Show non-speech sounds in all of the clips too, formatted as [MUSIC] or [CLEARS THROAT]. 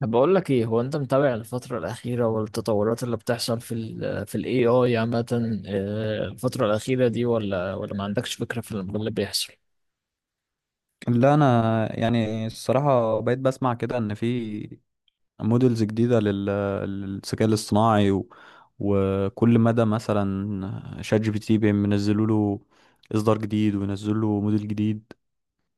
طب بقول لك ايه، هو انت متابع الفترة الأخيرة والتطورات اللي بتحصل في ال AI عامة؟ الفترة الأخيرة دي ولا ما عندكش فكرة في اللي بيحصل؟ لا، انا يعني الصراحه بقيت بسمع كده ان في موديلز جديده للذكاء الاصطناعي وكل مدى مثلا شات جي بي تي بينزلوا له اصدار جديد وينزلوا له موديل جديد.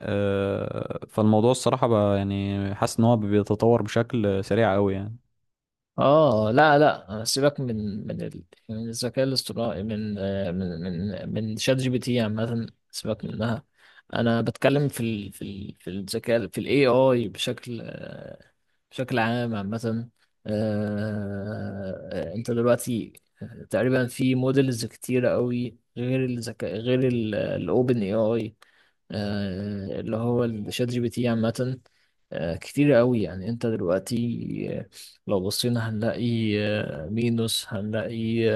فالموضوع الصراحه بقى يعني حاسس ان هو بيتطور بشكل سريع قوي يعني. اه، لا لا، سيبك من الذكاء الاصطناعي، من آه، من من من شات جي بي تي عامة، سيبك منها. انا بتكلم في ال في ال في الذكاء في الاي اي بشكل بشكل عام عامة. انت دلوقتي تقريبا في موديلز كتيرة قوي، غير الذكاء غير الاوبن اي اي اللي هو الشات جي بي تي عامة. كتيرة قوي، يعني انت دلوقتي آه، لو بصينا هنلاقي مينوس، هنلاقي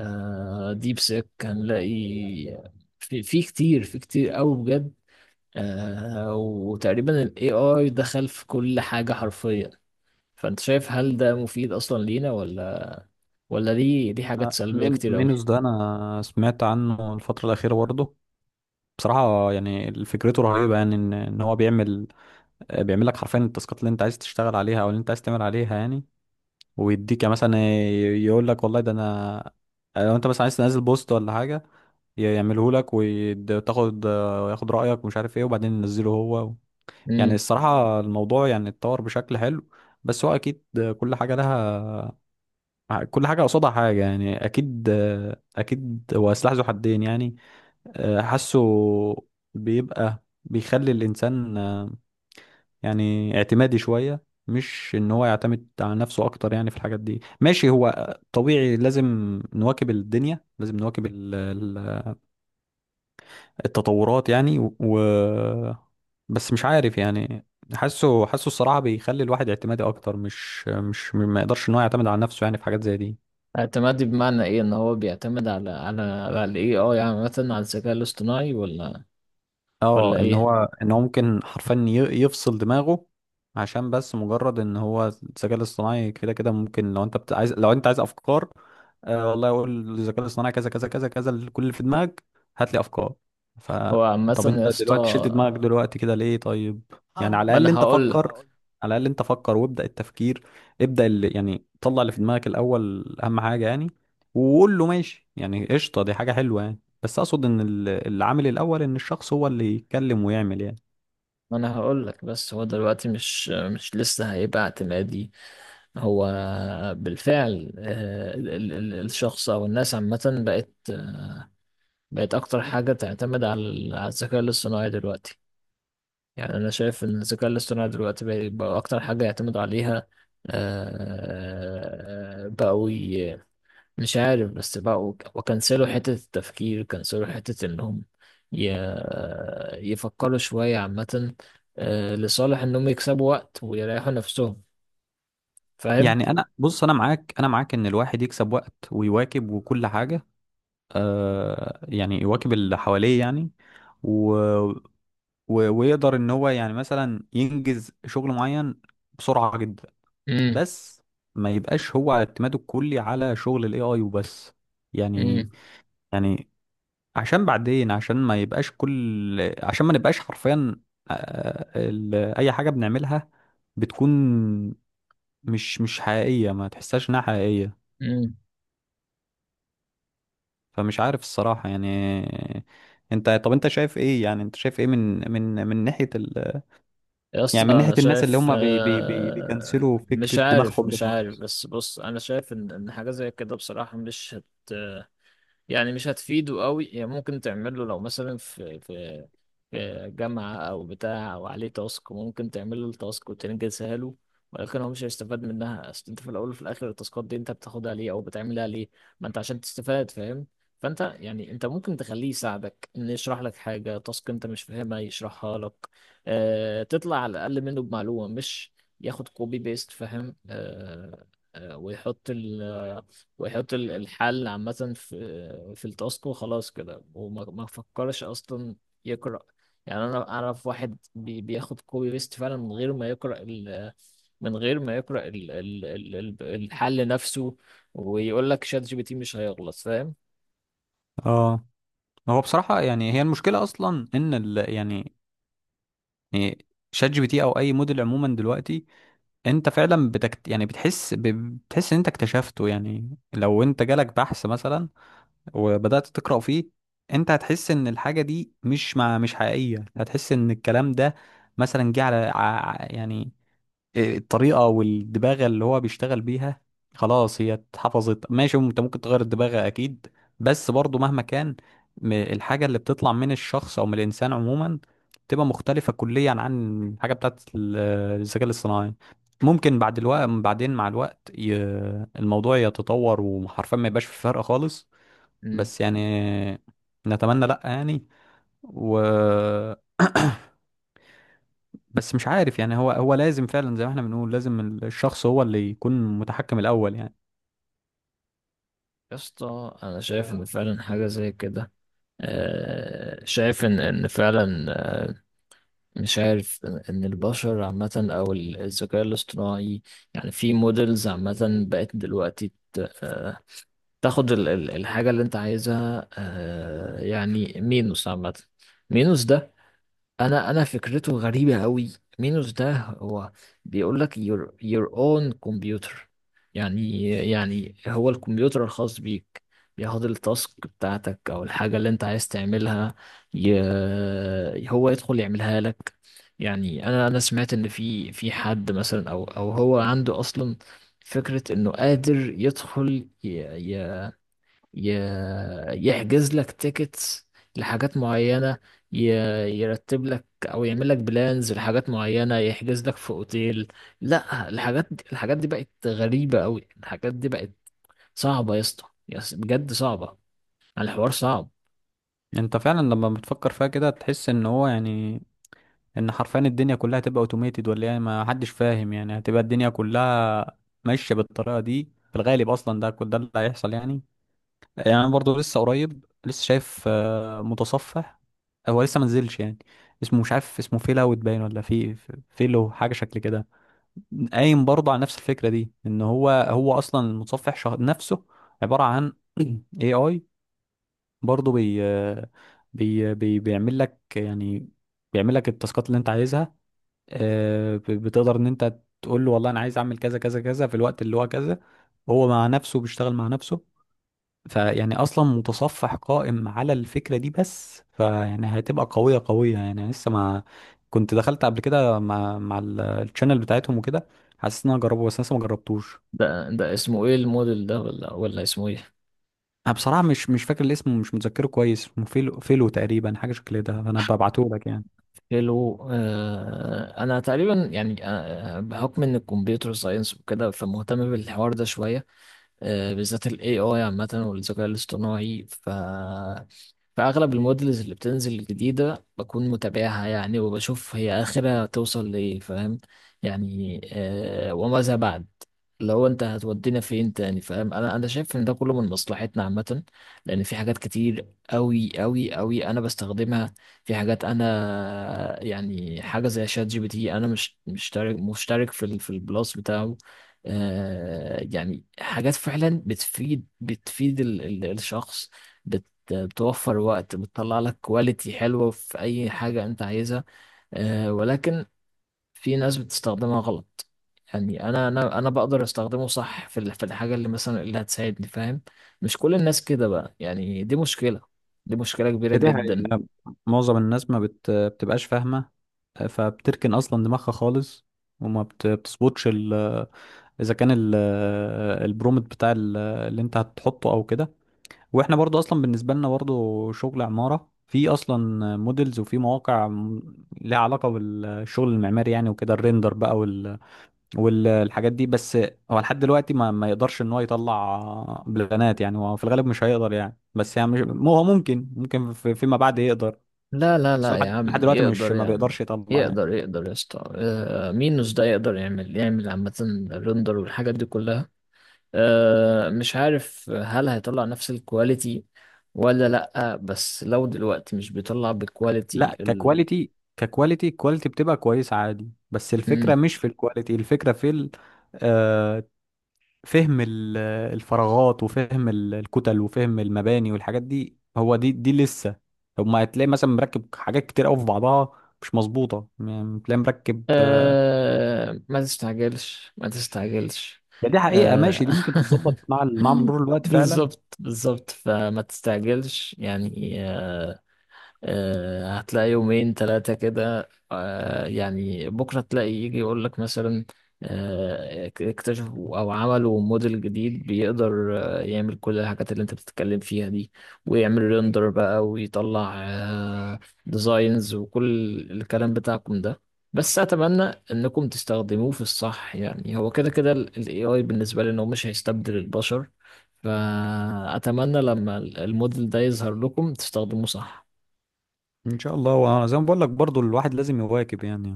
ديب سيك، هنلاقي آه، في كتير قوي بجد. وتقريبا الاي اي دخل في كل حاجة حرفيا. فانت شايف، هل ده مفيد اصلا لينا، ولا دي دي حاجات أنا سلبية كتير قوي؟ مينوس ده انا سمعت عنه الفتره الاخيره برضه. بصراحه يعني فكرته رهيبه يعني إن هو بيعمل لك حرفيا التاسكات اللي انت عايز تشتغل عليها او اللي انت عايز تعمل عليها يعني. ويديك مثلا، يقول لك والله ده انا، لو انت مثلا عايز تنزل بوست ولا حاجه يعمله لك، ياخد رايك ومش عارف ايه، وبعدين ينزله هو. يعني امم الصراحه الموضوع يعني اتطور بشكل حلو، بس هو اكيد، كل حاجه لها كل حاجه قصادها حاجه يعني، اكيد هو سلاح ذو حدين يعني. حاسه بيبقى بيخلي الانسان يعني اعتمادي شوية، مش ان هو يعتمد على نفسه اكتر يعني في الحاجات دي. ماشي، هو طبيعي، لازم نواكب الدنيا، لازم نواكب التطورات يعني، بس مش عارف يعني. حاسه الصراحة بيخلي الواحد اعتمادي اكتر، مش ما يقدرش ان هو يعتمد على نفسه يعني في حاجات زي دي. اعتمادي بمعنى ايه؟ ان هو بيعتمد على الاي اي عامة، على الذكاء الاصطناعي، ولا اه، ان هو ايه؟ ان هو ممكن حرفيا يفصل دماغه. عشان بس مجرد ان هو الذكاء الاصطناعي كده كده ممكن، لو انت عايز افكار، والله اقول للذكاء الاصطناعي كذا كذا كذا كذا كل اللي في دماغك، هات لي افكار. ف هو عامة طب يا انت اسطى، دلوقتي شلت دماغك دلوقتي كده ليه؟ طيب يعني، ما انا هقول لك على الاقل انت فكر وابدا التفكير. ابدا اللي يعني طلع اللي في دماغك الاول، اهم حاجه يعني. وقول له ماشي، يعني قشطه، دي حاجه حلوه يعني. بس اقصد ان العامل الاول ان الشخص هو اللي يتكلم ويعمل يعني. ما انا هقول لك. بس هو دلوقتي مش لسه هيبقى اعتمادي. هو بالفعل الشخص او الناس عامة بقت، بقت اكتر حاجة تعتمد على الذكاء الاصطناعي دلوقتي. يعني أنا شايف إن الذكاء الاصطناعي دلوقتي بقى أكتر حاجة يعتمد عليها. آه، بقوا ي- مش عارف، بس بقوا وكنسلوا حتة التفكير، كنسلوا حتة إنهم ي- يفكروا شوية عامة، لصالح إنهم يكسبوا وقت ويريحوا نفسهم. فاهم؟ يعني انا، بص، انا معاك ان الواحد يكسب وقت ويواكب وكل حاجة. آه يعني يواكب اللي حواليه يعني، و... ويقدر ان هو يعني مثلا ينجز شغل معين بسرعة جدا. امم بس ما يبقاش هو اعتماده الكلي على شغل الاي اي وبس يعني. امم يعني عشان بعدين، عشان ما نبقاش حرفيا، اي حاجه بنعملها بتكون مش حقيقيه، ما تحسهاش انها حقيقيه. امم فمش عارف الصراحه يعني. طب انت شايف ايه من ناحيه يا يعني، اسطى من ناحيه أنا الناس اللي شايف هم بي بي بي بيكنسلوا مش فكره دماغهم ده عارف، خالص؟ بس بص، أنا شايف إن حاجة زي كده بصراحة مش هت يعني مش هتفيده قوي. يعني ممكن تعمل له، لو مثلا في جامعة أو بتاع، أو عليه تاسك، ممكن تعمل له التاسك وتنجزها له، ولكن هو مش هيستفاد منها. أصل أنت في الأول وفي الآخر، التاسكات دي أنت بتاخدها ليه أو بتعملها ليه؟ ما أنت عشان تستفاد، فاهم؟ فأنت يعني أنت ممكن تخليه يساعدك، إنه يشرح لك حاجة، تاسك أنت مش فاهمها يشرحها لك، أه، تطلع على الأقل منه بمعلومة، مش ياخد كوبي بيست، فاهم؟ أه، آه، ويحط ال- ويحط الحل عامة في التاسك وخلاص كده، وما ما فكرش أصلا يقرأ. يعني أنا أعرف واحد بياخد كوبي بيست فعلا من غير ما يقرأ ال، من غير ما يقرأ ال الحل نفسه، ويقول لك شات جي بي تي مش هيغلط، فاهم؟ اه، هو بصراحه يعني، هي المشكله اصلا ان ال... يعني يعني شات جي بي تي او اي موديل عموما دلوقتي، انت فعلا بتكت... يعني بتحس ب... بتحس ان انت اكتشفته. يعني لو انت جالك بحث مثلا وبدأت تقرأ فيه، انت هتحس ان الحاجة دي مش حقيقية. هتحس ان الكلام ده مثلا جه على ع... ع- يعني الطريقة والدباغة اللي هو بيشتغل بيها. خلاص، هي اتحفظت، ماشي، انت ممكن تغير الدباغة اكيد. بس برضو مهما كان، الحاجة اللي بتطلع من الشخص او من الانسان عموما بتبقى مختلفة كليا عن الحاجة بتاعت الذكاء الاصطناعي. ممكن بعد الوقت بعدين مع الوقت الموضوع يتطور وحرفيا ما يبقاش في فرق خالص. مم. بس يعني، نتمنى لا يعني، و، بس مش عارف يعني. هو لازم فعلا زي ما احنا بنقول، لازم الشخص هو اللي يكون متحكم الاول يعني. يا اسطى أنا شايف إن فعلا حاجة زي كده، شايف إن فعلا مش عارف، ان البشر عامة او الذكاء الاصطناعي، يعني في مودلز عامة بقت دلوقتي، تاخد الحاجة اللي انت عايزها. يعني مينوس عامة، مينوس ده انا فكرته غريبه قوي. مينوس ده هو بيقول لك your own computer، يعني هو الكمبيوتر الخاص بيك، بياخد التاسك بتاعتك او الحاجه اللي انت عايز تعملها، هو يدخل يعملها لك. يعني انا سمعت ان في حد مثلا، او هو عنده اصلا فكره انه قادر يدخل ي... يحجز لك تيكتس لحاجات معينة، ي- يرتب لك او يعمل لك بلانز لحاجات معينة، يحجز لك في اوتيل. لا، الحاجات دي، الحاجات دي بقت غريبة قوي، الحاجات دي بقت صعبة يا اسطى، بجد صعبة، يعني الحوار صعب. انت فعلا لما بتفكر فيها كده تحس ان هو يعني ان حرفيا الدنيا كلها هتبقى اوتوميتد، ولا يعني ما حدش فاهم يعني. هتبقى الدنيا كلها ماشيه بالطريقه دي في الغالب، اصلا ده كل ده اللي هيحصل يعني. يعني انا برضه لسه قريب لسه شايف متصفح، هو لسه ما نزلش يعني. اسمه مش عارف، اسمه فيل اوت باين، ولا فيلو، حاجه شكل كده. قايم برضه على نفس الفكرة دي، ان هو، هو اصلا المتصفح شهر نفسه عبارة عن [CLEARS THROAT] اي اي. برضه بي بي بي بيعمل لك يعني، بيعمل لك التاسكات اللي انت عايزها. بتقدر ان انت تقول له والله انا عايز اعمل كذا كذا كذا في الوقت اللي هو كذا، هو مع نفسه بيشتغل مع نفسه. فيعني اصلا متصفح قائم على الفكره دي، بس فيعني هتبقى قويه قويه يعني. لسه ما، كنت دخلت قبل كده مع الشانل بتاعتهم وكده، حاسس ان انا اجربه بس لسه ما جربتوش. ده اسمه ايه الموديل ده؟ ولا اسمه ايه؟ انا بصراحه مش فاكر الاسم ومش متذكره كويس. اسمه فيلو تقريبا حاجه شكل ده، فانا ببعته لك يعني. هيلو، آه، انا تقريبا يعني، آه، بحكم ان الكمبيوتر ساينس وكده، فمهتم بالحوار ده شوية، بالذات ال AI عامة والذكاء الاصطناعي، فأغلب المودلز اللي بتنزل الجديدة بكون متابعها، يعني وبشوف هي آخرها توصل لإيه، فاهم؟ يعني آه، وماذا بعد؟ لو أنت هتودينا فين تاني، فاهم؟ أنا شايف إن ده كله من مصلحتنا عامة، لأن في حاجات كتير أوي أوي أوي أنا بستخدمها، في حاجات أنا يعني، حاجة زي شات جي بي تي، أنا مش مشترك في البلاس بتاعه. آه، يعني حاجات فعلا بتفيد، بتفيد الشخص، بتوفر وقت، بتطلع لك كواليتي حلوة في أي حاجة أنت عايزها. ولكن في ناس بتستخدمها غلط. يعني أنا أنا بقدر أستخدمه صح في الحاجة اللي مثلا اللي هتساعدني، فاهم؟ مش كل الناس كده بقى، يعني دي مشكلة، دي مشكلة كبيرة هي دي جدا. حقيقة. معظم الناس ما بتبقاش فاهمه، فبتركن اصلا دماغها خالص، وما بتظبطش ال... اذا كان ال... البرومت بتاع اللي انت هتحطه او كده. واحنا برضو اصلا بالنسبه لنا، برضو شغل عماره، في اصلا موديلز وفي مواقع لها علاقه بالشغل المعماري يعني وكده، الريندر بقى والحاجات دي. بس هو لحد دلوقتي ما يقدرش ان هو يطلع بلانات يعني، هو في الغالب مش هيقدر يعني، بس يعني مش... مو هو ممكن فيما بعد يقدر. لا لا بس لا هو يا لحد عم، دلوقتي مش يقدر ما يا عم، بيقدرش يطلع يعني. يقدر يا اسطى. مين مش ده يقدر يعمل، عامة الرندر والحاجات دي كلها. مش عارف هل هيطلع نفس الكواليتي ولا لأ، بس لو دلوقتي مش بيطلع بالكواليتي لا، ال... ككواليتي الكواليتي بتبقى كويسه عادي، بس الفكره مم. مش في الكواليتي، الفكره في ال... آه، فهم الفراغات وفهم الكتل وفهم المباني والحاجات دي، هو دي دي لسه. طب، ما هتلاقي مثلا مركب حاجات كتير قوي في بعضها مش مظبوطه يعني، تلاقي مركب. ما تستعجلش، ما تستعجلش. ده دي حقيقه، آه، ماشي، دي ممكن تتظبط مع [LAUGHS] مرور الوقت فعلا. بالظبط بالظبط، فما تستعجلش يعني. هتلاقي يومين ثلاثة كده، يعني بكرة تلاقي يجي يقول لك مثلا، اكتشفوا أو عملوا موديل جديد بيقدر يعمل كل الحاجات اللي أنت بتتكلم فيها دي، ويعمل ريندر بقى، ويطلع ديزاينز وكل الكلام بتاعكم ده. بس أتمنى إنكم تستخدموه في الصح. يعني هو كده كده ال AI بالنسبة لي إنه مش هيستبدل البشر، فأتمنى لما الموديل ده يظهر لكم تستخدموه صح. ان شاء الله، وانا زي ما بقول لك برضو، الواحد لازم يواكب يعني،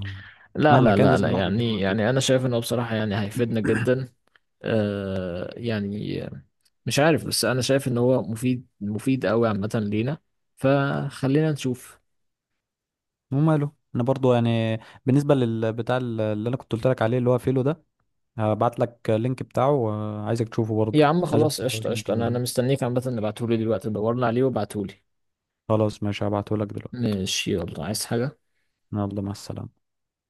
لا مهما لا كان لا لازم لا، الواحد يعني يواكب. انا شايف انه بصراحة يعني هيفيدنا جدا. آه يعني، مش عارف، بس انا شايف ان هو مفيد، مفيد قوي عامة لينا، فخلينا نشوف. وماله، انا برضو يعني بالنسبه للبتاع اللي انا كنت قلت لك عليه، اللي هو فيلو ده، هبعت لك اللينك بتاعه. عايزك تشوفه برضو، يا عم عايزك خلاص، تشوفه قشطة عشان قشطة، انا ت- مستنيك عامة، اللي بعتهولي دلوقتي دورنا عليه وبعتهولي. خلاص، ماشي، هبعته لك دلوقتي. ماشي، يلا، عايز حاجة؟ يلا، مع السلامة.